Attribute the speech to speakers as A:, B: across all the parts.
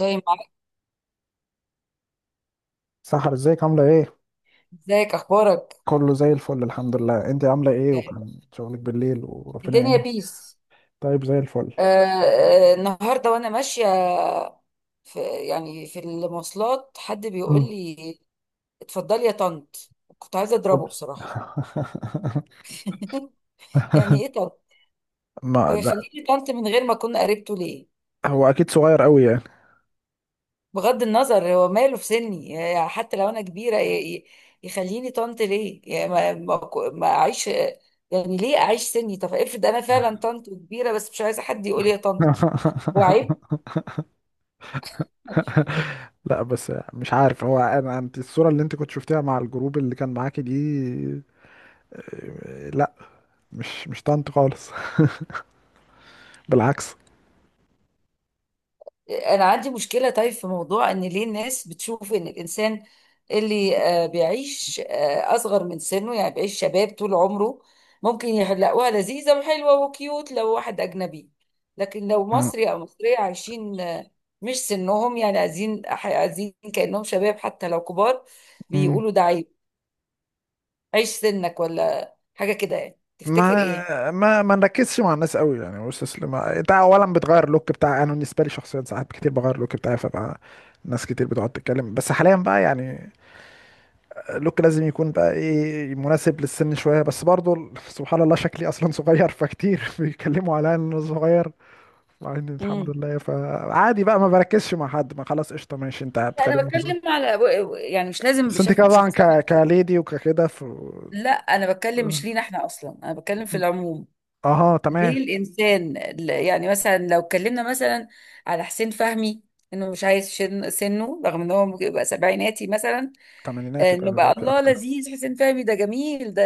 A: زي ما
B: سحر، ازيك؟ عاملة ايه؟
A: ازيك، اخبارك؟
B: كله زي الفل، الحمد لله. انت عاملة ايه؟ وكان شغلك بالليل، وربنا
A: الدنيا
B: يعينك.
A: بيس.
B: طيب، زي الفل.
A: النهارده وانا ماشيه في يعني في المواصلات حد بيقول
B: مم.
A: لي اتفضلي يا طنط، كنت عايزه اضربه
B: اوبس.
A: بصراحه. يعني ايه طنط؟ هو
B: ما لا.
A: يخليني طنط من غير ما اكون قريبته ليه؟
B: هو اكيد صغير قوي يعني.
A: بغض النظر، هو ماله في سني؟ يعني حتى لو انا كبيره يخليني طنط ليه؟ يعني ما اعيش، يعني ليه اعيش سني؟ طب افرض انا فعلا طنط كبيره، بس مش عايزه حد يقول لي يا طنط، هو عيب.
B: لا بس مش عارف، هو انا انت الصورة اللي انت كنت شفتيها مع الجروب اللي كان معاكي دي. لا، مش مش طنط خالص. بالعكس.
A: انا عندي مشكله طيب في موضوع ان ليه الناس بتشوف ان الانسان اللي بيعيش اصغر من سنه، يعني بيعيش شباب طول عمره، ممكن يلاقوها لذيذه وحلوه وكيوت لو واحد اجنبي، لكن لو مصري او مصريه عايشين مش سنهم، يعني عايزين عايزين كانهم شباب حتى لو كبار،
B: مم.
A: بيقولوا ده عيب. عيش سنك ولا حاجه كده، يعني تفتكر ايه؟
B: ما نركزش مع الناس قوي يعني. واستسلم انت اولا، بتغير اللوك بتاع، انا بالنسبه لي شخصيا ساعات كتير بغير اللوك بتاعي، فبقى ناس كتير بتقعد تتكلم. بس حاليا بقى يعني اللوك لازم يكون بقى ايه، مناسب للسن شويه بس برضو. سبحان الله، شكلي اصلا صغير، فكتير بيتكلموا عليا ان انا صغير، مع ان الحمد
A: امم
B: لله. فعادي بقى، ما بركزش مع حد. ما خلاص، قشطه، ماشي انت
A: انا
B: بتكلمني في صغير.
A: بتكلم على، يعني مش لازم
B: بس انت
A: بشكل
B: كده طبعا
A: بشخص.
B: ك... كليدي وككده ف...
A: لا، انا بتكلم مش لينا احنا اصلا، انا بتكلم في العموم.
B: اها، تمام.
A: ليه الانسان يعني مثلا لو اتكلمنا مثلا على حسين فهمي، انه مش عايز سنه، رغم ان هو ممكن يبقى سبعيناتي مثلا.
B: تمانينات يبقى
A: انه بقى
B: دلوقتي
A: الله
B: اكتر.
A: لذيذ حسين فهمي، ده جميل، ده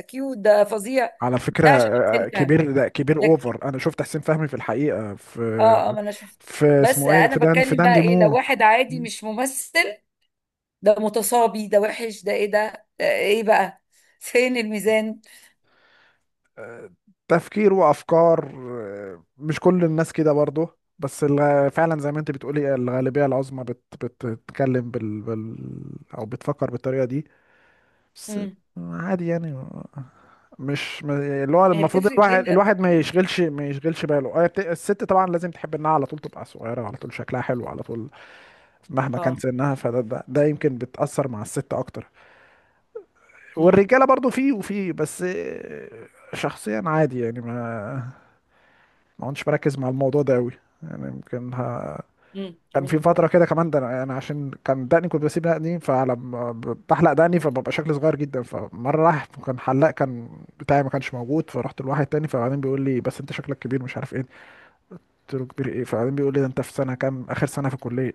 A: كيوت، ده فظيع،
B: على فكرة،
A: ده عشان حسين فهمي.
B: كبير، ده كبير
A: لك،
B: اوفر. انا شفت حسين فهمي في الحقيقة
A: اه اه،
B: في،
A: ما انا شفت.
B: في
A: بس
B: اسمه ايه،
A: انا
B: في دان، في
A: بتكلم بقى
B: داندي
A: ايه لو
B: مول.
A: واحد عادي مش ممثل، ده متصابي، ده وحش، ده ايه، ده ايه بقى؟ فين الميزان؟
B: آه، تفكير وافكار. مش كل الناس كده برضه، بس فعلا زي ما انت بتقولي، الغالبية العظمى بتتكلم بال او بتفكر بالطريقة دي. بس
A: مم.
B: عادي يعني، مش ما- اللي هو
A: هي
B: المفروض
A: بتفرق
B: الواحد
A: بين الراجل
B: الواحد ما
A: والست.
B: يشغلش ما يشغلش باله. الست طبعا لازم تحب انها على طول تبقى صغيرة، على طول شكلها حلو على طول مهما كان
A: اه،
B: سنها. فده ده يمكن بتأثر مع الست اكتر.
A: امم
B: والرجاله برضو فيه وفيه، بس شخصيا عادي يعني. ما كنتش بركز مع الموضوع ده قوي. يعني يمكن ها... كان في
A: تمام.
B: فترة كده كمان، ده أنا عشان كان دقني، كنت بسيب دقني، فلما بحلق دقني فببقى شكلي صغير جدا. فمرة راح، كان حلاق كان بتاعي ما كانش موجود، فرحت لواحد تاني، فبعدين بيقول لي: بس انت شكلك كبير، مش عارف ايه. قلت له: كبير ايه؟ فبعدين بيقول لي: ده انت في سنه كام، اخر سنه في الكليه.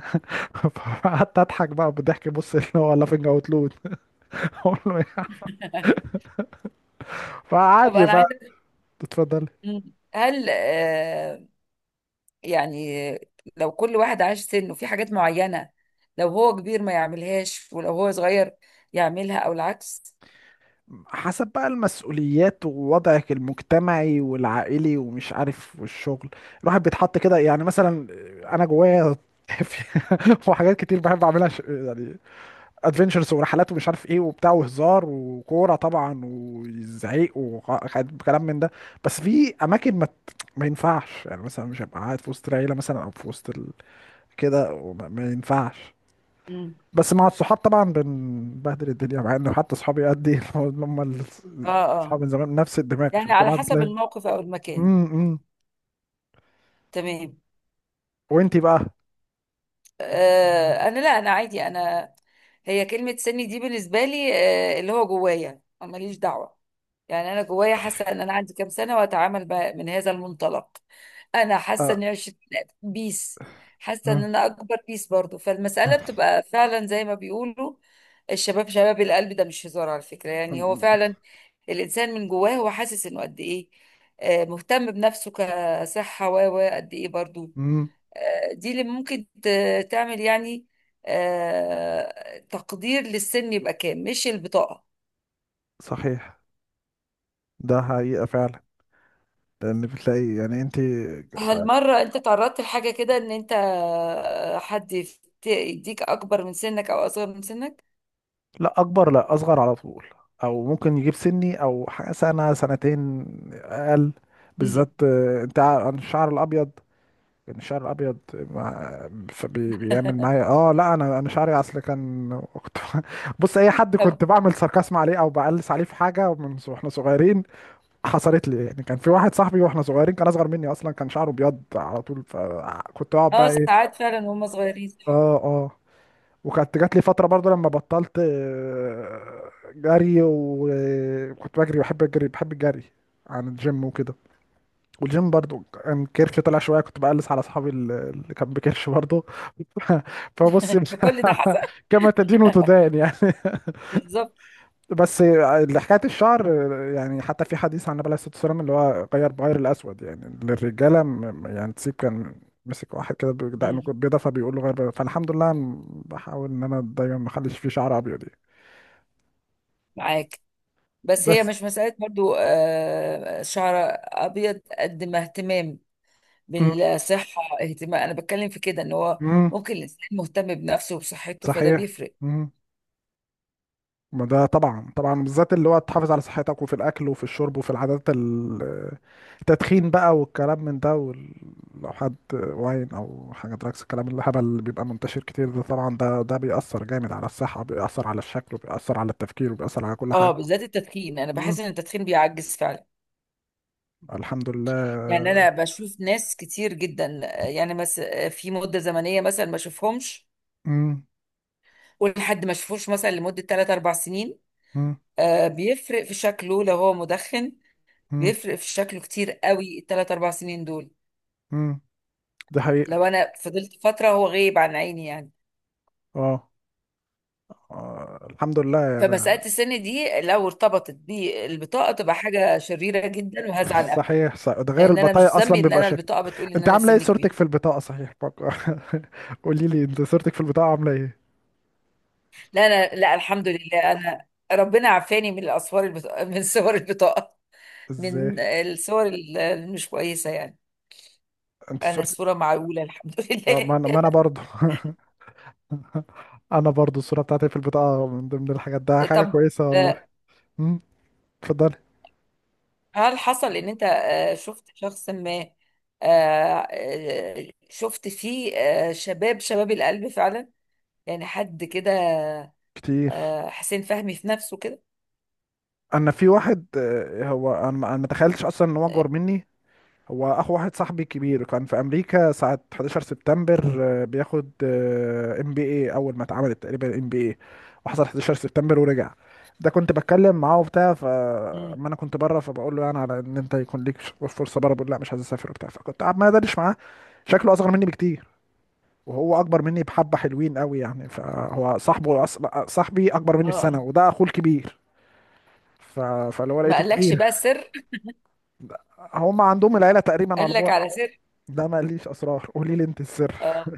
B: فقعدت اضحك بقى، بالضحك بص، اللي هو لافنج اوت لود. اقول له ايه؟
A: طب،
B: فعادي
A: انا
B: بقى.
A: عايزه أسألك.
B: اتفضل.
A: مم. هل يعني لو كل واحد عاش سنه في حاجات معينه، لو هو كبير ما يعملهاش ولو هو صغير يعملها او العكس؟
B: حسب بقى المسؤوليات، ووضعك المجتمعي والعائلي ومش عارف والشغل. الواحد بيتحط كده يعني، مثلا انا جوايا في-، وحاجات كتير بحب اعملها، يعني ادفنتشرز ورحلات ومش عارف ايه وبتاع وهزار وكوره طبعا وزعيق وكلام من ده. بس في اماكن ما ينفعش، يعني مثلا مش هبقى قاعد في وسط العيله مثلا، او في وسط ال... كده. ما ينفعش.
A: امم،
B: بس مع الصحاب طبعا بنبهدل الدنيا، مع انه حتى صحابي قد ايه، هم ال-،
A: اه
B: اصحاب
A: اه،
B: من زمان، نفس الدماغ احنا،
A: يعني على
B: كنا
A: حسب
B: بتلاقي.
A: الموقف او المكان.
B: امم.
A: تمام.
B: وانتي بقى؟
A: انا، لا، انا عادي، انا هي كلمه سني دي بالنسبه لي، اللي هو جوايا، أنا ماليش دعوه. يعني انا جوايا حاسه ان انا عندي كام سنه، واتعامل بقى من هذا المنطلق. انا حاسه
B: آه.
A: اني عشت بيس، حاسه ان
B: آه.
A: انا اكبر بيس برضو، فالمساله بتبقى فعلا زي ما بيقولوا، الشباب شباب القلب، ده مش هزار على فكره، يعني هو فعلا الانسان من جواه هو حاسس انه قد ايه، مهتم بنفسه كصحه و قد ايه برضو،
B: امم.
A: دي اللي ممكن تعمل، يعني تقدير للسن يبقى كام، مش البطاقه.
B: صحيح، ده حقيقة فعلا. لان بتلاقي يعني انت،
A: هل مرة انت تعرضت لحاجة كده ان انت حد يديك اكبر من سنك او اصغر من سنك؟
B: لا اكبر لا اصغر على طول، او ممكن يجيب سني او سنه سنتين اقل.
A: مم.
B: بالذات أنا الشعر الابيض، كان الشعر الابيض بيعمل معايا. اه لا انا شعري اصل كان، كنت بص، اي حد
A: طب،
B: كنت بعمل ساركاسم عليه او بقلص عليه في حاجه واحنا صغيرين، حصلت لي يعني. كان في واحد صاحبي واحنا صغيرين، كان اصغر مني اصلا، كان شعره ابيض على طول، فكنت اقعد
A: اه
B: بقى ايه.
A: ساعات فعلا وهم صغيرين.
B: اه اه. وكانت جات لي فتره برضو، لما بطلت جري، وكنت بجري، بحب الجري، بحب الجري عن الجيم وكده. والجيم برضو كان كرشي طلع شويه، كنت بقلس على اصحابي اللي كان بكرش برضو. فبص.
A: فكل ده حصل.
B: كما تدين وتدان يعني.
A: بالظبط.
B: بس اللي حكايه الشعر، يعني حتى في حديث عن النبي عليه الصلاه والسلام، اللي هو غير بغير الاسود يعني للرجاله، يعني تسيب، كان مسك واحد كده بدقنه
A: مم.
B: بيضه، فبيقول له: غير بيضة. فالحمد لله أنا بحاول ان انا دايما ما اخليش فيه شعر ابيض يعني.
A: معاك. بس هي
B: بس.
A: مش مسألة برضو شعر أبيض قد ما اهتمام بالصحة، اهتمام. أنا بتكلم في كده، إن هو
B: امم.
A: ممكن الإنسان مهتم بنفسه وبصحته، فده
B: صحيح.
A: بيفرق.
B: مم. ما ده طبعا طبعا، بالذات اللي هو تحافظ على صحتك، وفي الاكل وفي الشرب وفي العادات التدخين بقى، والكلام من ده لو حد واين او حاجه دراكس، الكلام الهبل اللي بيبقى منتشر كتير ده طبعا، ده بيأثر جامد على الصحه، بيأثر على الشكل، وبيأثر على التفكير، وبيأثر على كل
A: اه،
B: حاجه.
A: بالذات التدخين، أنا
B: امم.
A: بحس إن التدخين بيعجز فعلا.
B: الحمد لله.
A: يعني أنا بشوف ناس كتير جدا، يعني مثلا في مدة زمنية مثلا ما أشوفهمش،
B: امم.
A: ولحد ما أشوفوش مثلا لمدة 3 4 سنين،
B: امم.
A: آه بيفرق في شكله لو هو مدخن،
B: امم.
A: بيفرق في شكله كتير قوي الثلاث اربع سنين دول،
B: امم. دي حقيقه.
A: لو انا فضلت فتره هو غايب عن عيني يعني.
B: اه. الحمد لله يعني.
A: فمساله السن دي لو ارتبطت بالبطاقه تبقى حاجه شريره جدا، وهزعل قوي،
B: صحيح، صح. ده غير
A: لان انا
B: البطايق
A: مش ذنبي
B: اصلا
A: ان
B: بيبقى.
A: انا البطاقه بتقول ان
B: انت
A: انا
B: عامله ايه
A: سني
B: صورتك
A: كبير.
B: في البطاقه؟ صحيح بقى. قولي لي، انت صورتك في البطاقه عامله ايه؟
A: لا، انا، لا، الحمد لله، انا ربنا عافاني من الاسوار البطاقه، من صور البطاقه، من
B: ازاي؟
A: الصور اللي مش كويسه يعني.
B: انت
A: انا
B: صورتك،
A: الصوره معقوله الحمد
B: اه،
A: لله.
B: ما انا برضو. انا برضو الصوره بتاعتي في البطاقه من ضمن الحاجات، ده حاجه
A: طب،
B: كويسه والله.
A: آه،
B: امم. اتفضلي.
A: هل حصل ان انت شفت شخص ما، شفت فيه شباب شباب القلب فعلا، يعني حد كده
B: كتير.
A: حسين فهمي في نفسه كده؟
B: انا في واحد، اه، هو انا ما تخيلتش اصلا ان هو اكبر
A: آه،
B: مني. هو اخو واحد صاحبي كبير، كان في امريكا ساعة 11 سبتمبر، بياخد ام بي اي، اول ما اتعملت تقريبا ام بي اي، وحصل 11 سبتمبر ورجع. ده كنت بتكلم معاه وبتاع،
A: مم.
B: فاما انا كنت بره، فبقول له يعني على ان انت يكون ليك فرصه بره، بيقول لا مش عايز اسافر وبتاع، فكنت قاعد ما ادردش معاه. شكله اصغر مني بكتير، وهو اكبر مني بحبه، حلوين قوي يعني. فهو صاحبه صاحبي اكبر مني
A: اه،
B: بسنه، وده اخوه الكبير. ف... فاللي هو
A: ما
B: لقيته
A: قالكش
B: كبير.
A: بقى سر؟
B: هم عندهم العيله تقريبا
A: قال
B: على
A: لك
B: بعد.
A: على سر؟
B: ده ما ليش اسرار، قولي لي انت السر
A: اه،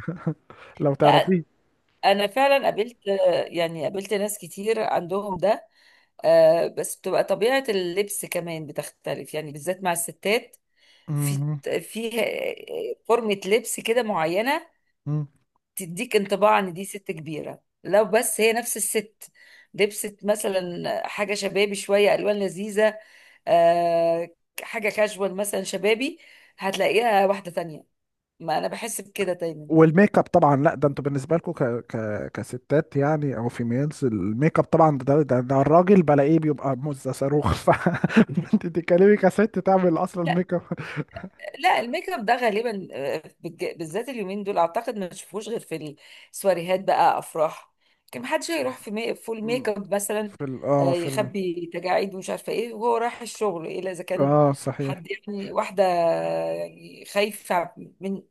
B: لو
A: لا،
B: تعرفيه.
A: انا فعلا قابلت، يعني قابلت ناس كتير عندهم ده، بس بتبقى طبيعة اللبس كمان بتختلف، يعني بالذات مع الستات في
B: مم.
A: فيها فورمة لبس كده معينة
B: مم.
A: تديك انطباع ان دي ست كبيره. لو بس هي نفس الست لبست مثلا حاجه شبابي شويه الوان لذيذه، آه، حاجه كاجوال مثلا شبابي، هتلاقيها واحده تانية. ما انا بحس بكده دايما.
B: والميك اب طبعا. لا ده انتوا بالنسبه لكم ك... ك... كستات يعني، او فيميلز، الميك اب طبعا، ده الراجل بلاقيه بيبقى مزه صاروخ. ف انت تتكلمي كست تعمل اصلا
A: لا،
B: ميك اب؟
A: لا، الميك اب ده غالبا بالذات اليومين دول اعتقد ما تشوفوش غير في السواريهات بقى، افراح، كان محدش هيروح في فول ميك اب مثلا،
B: في ال... اه في ال...
A: يخبي تجاعيد ومش عارفه ايه وهو رايح الشغل، الا اذا كان
B: اه صحيح.
A: حد، يعني واحده يعني خايفه من،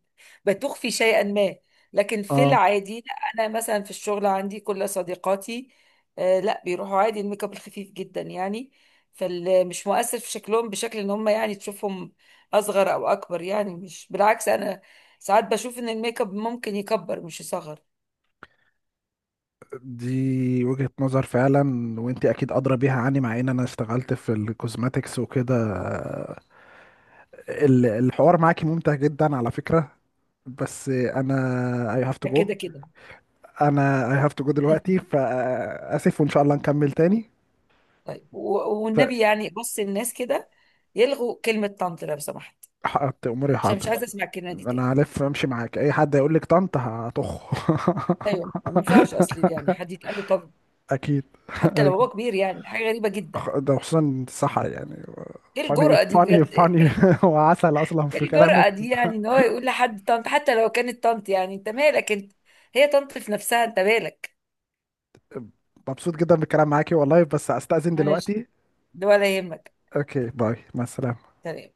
A: بتخفي شيئا ما. لكن في
B: اه،
A: العادي لا، انا مثلا في الشغل عندي كل صديقاتي لا بيروحوا عادي، الميك اب الخفيف جدا يعني، فمش مؤثر في شكلهم بشكل ان هم يعني تشوفهم اصغر او اكبر، يعني مش بالعكس، انا ساعات بشوف ان الميك اب ممكن يكبر مش يصغر.
B: دي وجهة نظر فعلا، وانت اكيد ادرى بيها عني، مع ان انا اشتغلت في الكوزماتكس وكده. الحوار معاكي ممتع جدا على فكرة، بس انا I have to
A: ده
B: go.
A: كده كده.
B: انا I have to go دلوقتي، فاسف وان شاء الله نكمل تاني.
A: طيب
B: ف-
A: والنبي، يعني بص الناس كده يلغوا كلمة طنط لو سمحت،
B: حققت اموري،
A: عشان مش
B: حاضر.
A: عايزة اسمع الكلمة دي تاني.
B: انا هلف امشي معاك، اي حد هيقول لك طنط هطخ.
A: ايوه، ما ينفعش اصلي يعني حد يتقال له، طب
B: اكيد.
A: حتى لو
B: أكيد.
A: هو كبير، يعني حاجة غريبة جدا.
B: ده خصوصا، صح يعني.
A: ايه
B: فاني
A: الجرأة دي
B: فاني
A: بجد؟
B: فاني وعسل اصلا
A: ايه
B: في
A: الجرأة
B: كلامك.
A: دي يعني، ان هو يقول لحد طنط، حتى لو كانت طنط، يعني انت مالك انت؟ هي طنط في نفسها، انت مالك؟
B: مبسوط جدا بالكلام معاكي والله، بس استأذن
A: ماشي،
B: دلوقتي.
A: ده ولا يهمك.
B: اوكي، باي، مع السلامة.
A: تمام.